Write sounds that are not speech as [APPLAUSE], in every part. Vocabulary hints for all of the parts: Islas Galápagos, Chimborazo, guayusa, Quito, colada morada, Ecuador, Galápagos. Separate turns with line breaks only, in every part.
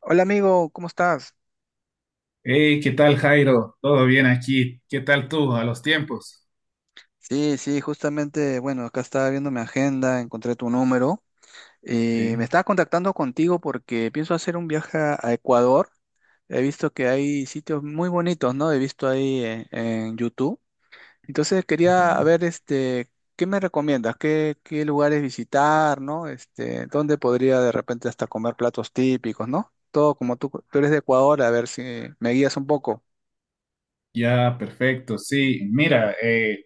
Hola amigo, ¿cómo estás?
Hey, ¿qué tal, Jairo? ¿Todo bien aquí? ¿Qué tal tú a los tiempos?
Sí, sí, justamente, bueno, acá estaba viendo mi agenda, encontré tu número y me
Sí.
estaba contactando contigo porque pienso hacer un viaje a Ecuador. He visto que hay sitios muy bonitos, ¿no? He visto ahí en YouTube. Entonces quería
Ya.
ver, ¿qué me recomiendas? ¿Qué lugares visitar, ¿no? Este, ¿dónde podría de repente hasta comer platos típicos, ¿no? Todo como tú eres de Ecuador, a ver si me guías un poco.
Ya, perfecto. Sí, mira,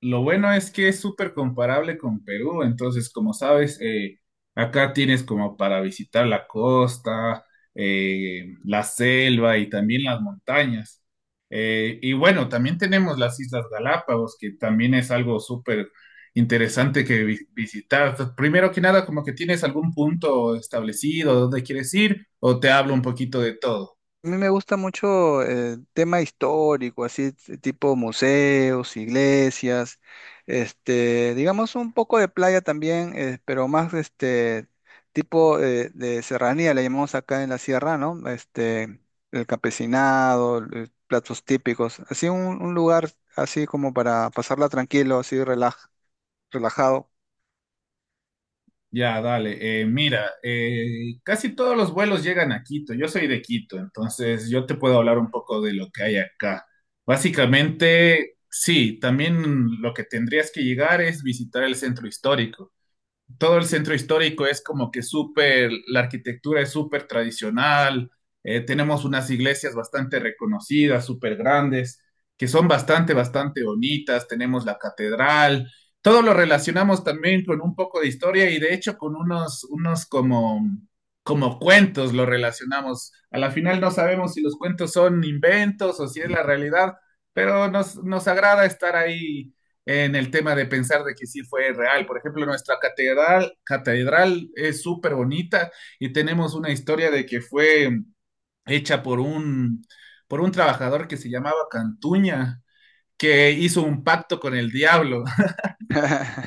lo bueno es que es súper comparable con Perú. Entonces, como sabes, acá tienes como para visitar la costa, la selva y también las montañas. Y bueno, también tenemos las Islas Galápagos, que también es algo súper interesante que visitar. Primero que nada, ¿como que tienes algún punto establecido dónde quieres ir, o te hablo un poquito de todo?
A mí me gusta mucho el tema histórico, así tipo museos, iglesias, este, digamos un poco de playa también, pero más este tipo de serranía, le llamamos acá en la sierra, ¿no? Este, el campesinado, platos típicos, así un lugar así como para pasarla tranquilo, así relajado.
Ya, dale. Mira, casi todos los vuelos llegan a Quito. Yo soy de Quito, entonces yo te puedo hablar un poco de lo que hay acá. Básicamente, sí, también lo que tendrías que llegar es visitar el centro histórico. Todo el centro histórico es como que súper, la arquitectura es súper tradicional. Tenemos unas iglesias bastante reconocidas, súper grandes, que son bastante, bastante bonitas. Tenemos la catedral, todo lo relacionamos también con un poco de historia, y de hecho con unos como, como cuentos lo relacionamos. A la final no sabemos si los cuentos son inventos o si es la realidad, pero nos agrada estar ahí en el tema de pensar de que sí fue real. Por ejemplo, nuestra catedral, catedral es súper bonita, y tenemos una historia de que fue hecha por por un trabajador que se llamaba Cantuña, que hizo un pacto con el diablo.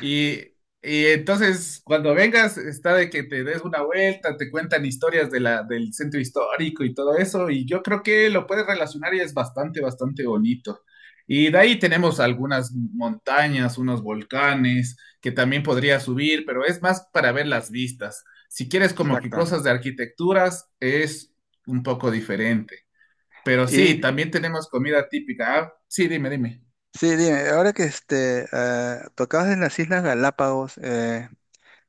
Y, y entonces, cuando vengas, está de que te des una vuelta, te cuentan historias de del centro histórico y todo eso, y yo creo que lo puedes relacionar, y es bastante, bastante bonito. Y de ahí tenemos algunas montañas, unos volcanes que también podría subir, pero es más para ver las vistas. Si quieres como que
Exacto.
cosas de arquitecturas, es un poco diferente. Pero sí,
Y
también tenemos comida típica. Ah, sí, dime, dime.
sí, dime, ahora que tocabas en las Islas Galápagos,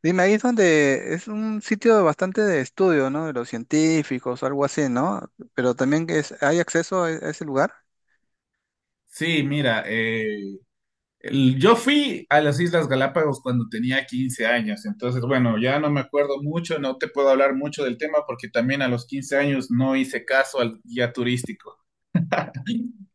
dime, ahí es donde es un sitio bastante de estudio, ¿no? De los científicos, algo así, ¿no? Pero también que es, ¿hay acceso a a ese lugar?
Sí, mira, yo fui a las Islas Galápagos cuando tenía 15 años. Entonces, bueno, ya no me acuerdo mucho, no te puedo hablar mucho del tema porque también a los 15 años no hice caso al guía turístico.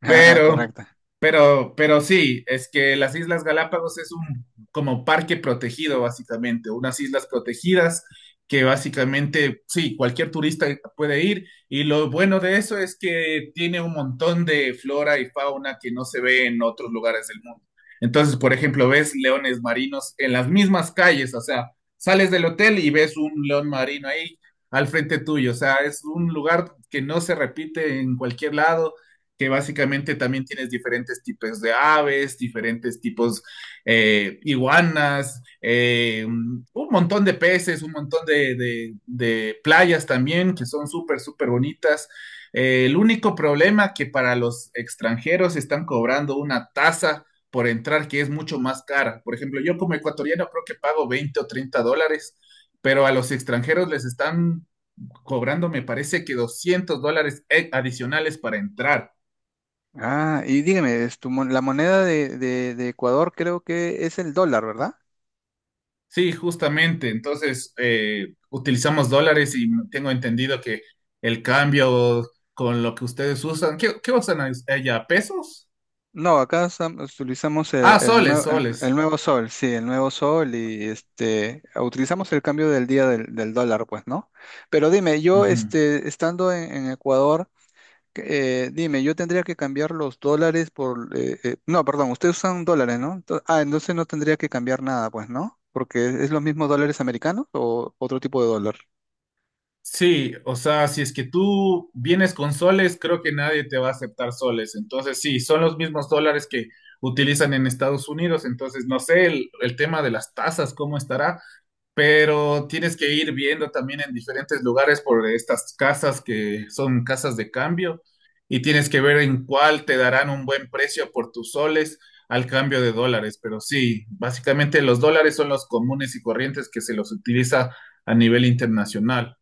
[LAUGHS] Ah,
Pero,
correcto.
pero sí, es que las Islas Galápagos es un como parque protegido, básicamente, unas islas protegidas que básicamente, sí, cualquier turista puede ir. Y lo bueno de eso es que tiene un montón de flora y fauna que no se ve en otros lugares del mundo. Entonces, por ejemplo, ves leones marinos en las mismas calles. O sea, sales del hotel y ves un león marino ahí al frente tuyo. O sea, es un lugar que no se repite en cualquier lado, que básicamente también tienes diferentes tipos de aves, diferentes tipos iguanas, un montón de peces, un montón de, de playas también que son súper, súper bonitas. El único problema que para los extranjeros están cobrando una tasa por entrar que es mucho más cara. Por ejemplo, yo como ecuatoriano creo que pago $20 o $30, pero a los extranjeros les están cobrando, me parece que $200 adicionales para entrar.
Ah, y dígame, es tu la moneda de, de Ecuador creo que es el dólar, ¿verdad?
Sí, justamente. Entonces, utilizamos dólares, y tengo entendido que el cambio con lo que ustedes usan, ¿qué, qué usan allá? ¿Pesos?
No, acá utilizamos el,
Ah,
el
soles, soles.
nuevo sol, sí, el nuevo sol y este, utilizamos el cambio del día del dólar, pues, ¿no? Pero dime, yo
Ujú.
este, estando en Ecuador, eh, dime, yo tendría que cambiar los dólares por no, perdón, ustedes usan dólares, ¿no? Ah, entonces no tendría que cambiar nada, pues, ¿no? Porque es los mismos dólares americanos o otro tipo de dólar.
Sí, o sea, si es que tú vienes con soles, creo que nadie te va a aceptar soles. Entonces, sí, son los mismos dólares que utilizan en Estados Unidos. Entonces, no sé el tema de las tasas, ¿cómo estará? Pero tienes que ir viendo también en diferentes lugares por estas casas que son casas de cambio, y tienes que ver en cuál te darán un buen precio por tus soles al cambio de dólares. Pero sí, básicamente los dólares son los comunes y corrientes que se los utiliza a nivel internacional.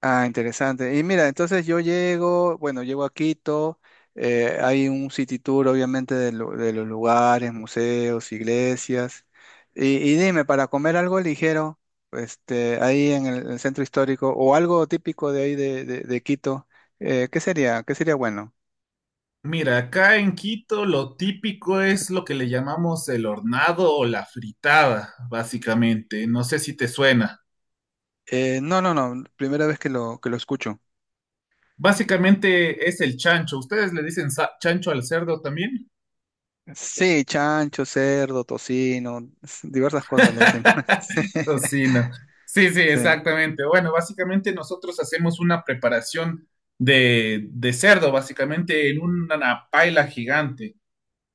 Ah, interesante. Y mira, entonces yo llego, bueno, llego a Quito, hay un city tour obviamente de, de los lugares, museos, iglesias. Y dime, para comer algo ligero, este, ahí en el centro histórico o algo típico de ahí de, de Quito, ¿qué sería? ¿Qué sería bueno?
Mira, acá en Quito lo típico es lo que le llamamos el hornado o la fritada, básicamente. No sé si te suena.
No, primera vez que que lo escucho.
Básicamente es el chancho. ¿Ustedes le dicen chancho al cerdo también?
Sí, chancho, cerdo, tocino, diversas cosas le decimos.
[LAUGHS]
[LAUGHS]
Tocino. Sí, sí,
Sí,
exactamente. Bueno, básicamente nosotros hacemos una preparación de cerdo, básicamente en una paila gigante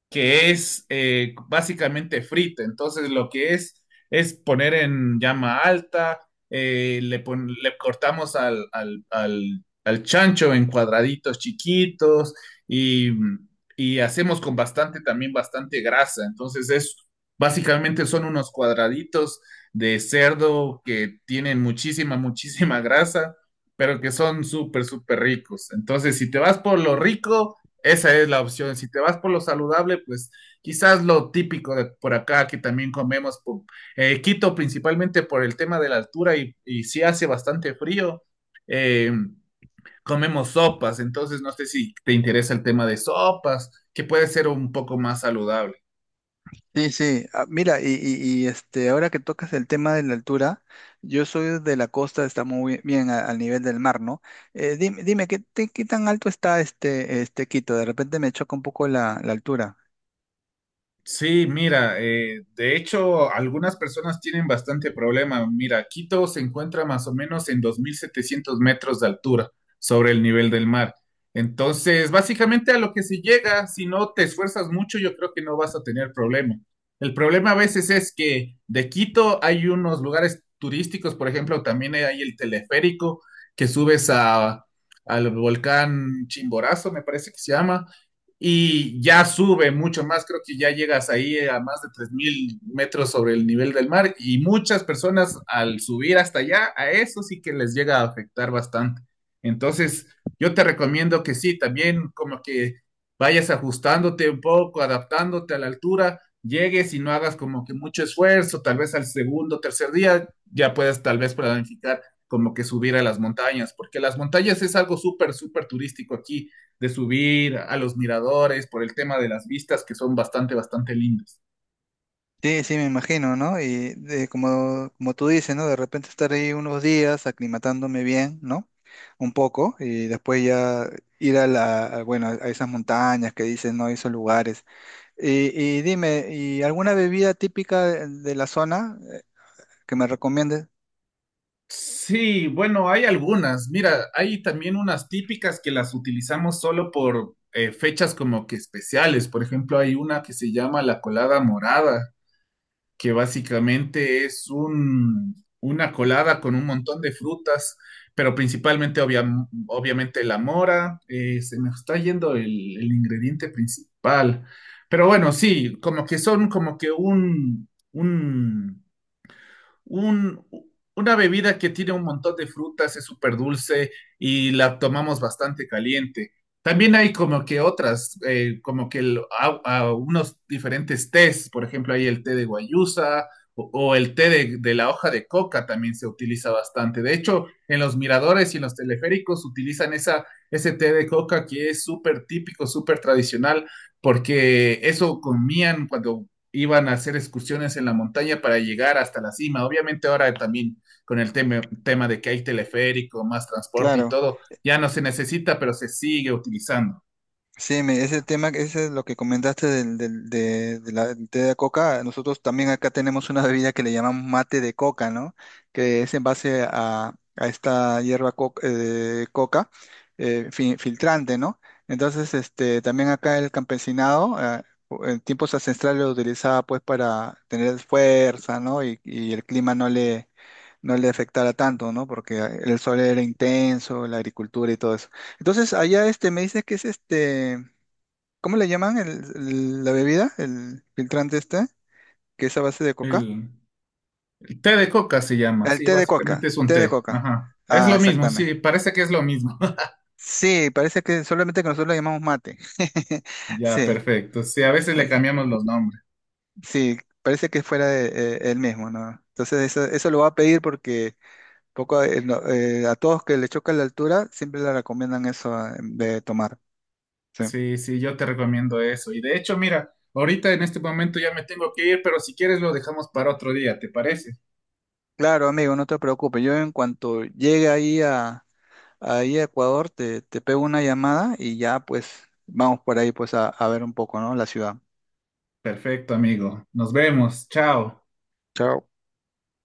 que es básicamente frita. Entonces, lo que es poner en llama alta, le cortamos al chancho en cuadraditos chiquitos, y, y hacemos con bastante, también bastante grasa. Entonces es básicamente, son unos cuadraditos de cerdo que tienen muchísima, muchísima grasa, pero que son súper, súper ricos. Entonces, si te vas por lo rico, esa es la opción. Si te vas por lo saludable, pues quizás lo típico de por acá que también comemos, Quito principalmente por el tema de la altura, y si hace bastante frío, eh, comemos sopas. Entonces, no sé si te interesa el tema de sopas, que puede ser un poco más saludable.
sí, sí. Sí. Ah, mira, y este, ahora que tocas el tema de la altura, yo soy de la costa, está muy bien al nivel del mar, ¿no? Dime, dime, ¿qué, qué tan alto está este, este Quito? De repente me choca un poco la altura.
Sí, mira, de hecho, algunas personas tienen bastante problema. Mira, Quito se encuentra más o menos en 2.700 metros de altura sobre el nivel del mar. Entonces, básicamente a lo que se llega, si no te esfuerzas mucho, yo creo que no vas a tener problema. El problema a veces es que de Quito hay unos lugares turísticos. Por ejemplo, también hay el teleférico que subes a, al volcán Chimborazo, me parece que se llama, y ya sube mucho más. Creo que ya llegas ahí a más de 3.000 metros sobre el nivel del mar, y muchas personas al subir hasta allá, a eso sí que les llega a afectar bastante. Entonces, yo te recomiendo que sí, también como que vayas ajustándote un poco, adaptándote a la altura, llegues y no hagas como que mucho esfuerzo. Tal vez al segundo, tercer día ya puedes tal vez planificar como que subir a las montañas, porque las montañas es algo súper, súper turístico aquí, de subir a los miradores por el tema de las vistas que son bastante, bastante lindas.
Sí, sí, me imagino, ¿no? Y como, como tú dices, ¿no? De repente estar ahí unos días aclimatándome bien, ¿no? Un poco, y después ya ir a bueno, a esas montañas que dicen, ¿no? Esos lugares. Y dime, ¿y alguna bebida típica de la zona que me recomiendes?
Sí, bueno, hay algunas. Mira, hay también unas típicas que las utilizamos solo por fechas como que especiales. Por ejemplo, hay una que se llama la colada morada, que básicamente es un, una colada con un montón de frutas, pero principalmente obviamente la mora. Se me está yendo el ingrediente principal, pero bueno, sí, como que son como que un, una bebida que tiene un montón de frutas, es súper dulce y la tomamos bastante caliente. También hay como que otras, como que a unos diferentes tés. Por ejemplo, hay el té de guayusa, o el té de la hoja de coca también se utiliza bastante. De hecho, en los miradores y en los teleféricos utilizan esa, ese té de coca que es súper típico, súper tradicional, porque eso comían cuando iban a hacer excursiones en la montaña para llegar hasta la cima. Obviamente, ahora también con el tema de que hay teleférico, más transporte y
Claro.
todo, ya no se necesita, pero se sigue utilizando.
Sí, ese tema, ese es lo que comentaste de la del té de coca. Nosotros también acá tenemos una bebida que le llamamos mate de coca, ¿no? Que es en base a esta hierba coca filtrante, ¿no? Entonces, este, también acá el campesinado en tiempos ancestrales lo utilizaba pues para tener fuerza, ¿no? Y el clima no le afectara tanto, ¿no? Porque el sol era intenso, la agricultura y todo eso. Entonces, allá este me dice que es este, ¿cómo le llaman la bebida? El filtrante este, que es a base de coca.
El, el té de coca se llama,
El
sí,
té de coca,
básicamente es un
té de
té.
coca.
Ajá.
Ah,
Es lo mismo,
exactamente.
sí, parece que es lo mismo. [LAUGHS]
Sí, parece que solamente que nosotros lo llamamos mate. [LAUGHS]
Ya,
Sí,
perfecto. Sí, a veces
ah,
le cambiamos los nombres.
sí, parece que fuera el mismo, ¿no? Entonces eso lo va a pedir porque poco no, a todos que le choca la altura siempre le recomiendan eso de tomar. Sí.
Sí, sí, yo te recomiendo eso. Y de hecho, mira, ahorita en este momento ya me tengo que ir, pero si quieres lo dejamos para otro día, ¿te parece?
Claro, amigo, no te preocupes. Yo en cuanto llegue ahí a Ecuador, te pego una llamada y ya pues vamos por ahí pues a ver un poco, ¿no? La ciudad.
Perfecto, amigo. Nos vemos. Chao.
Chao.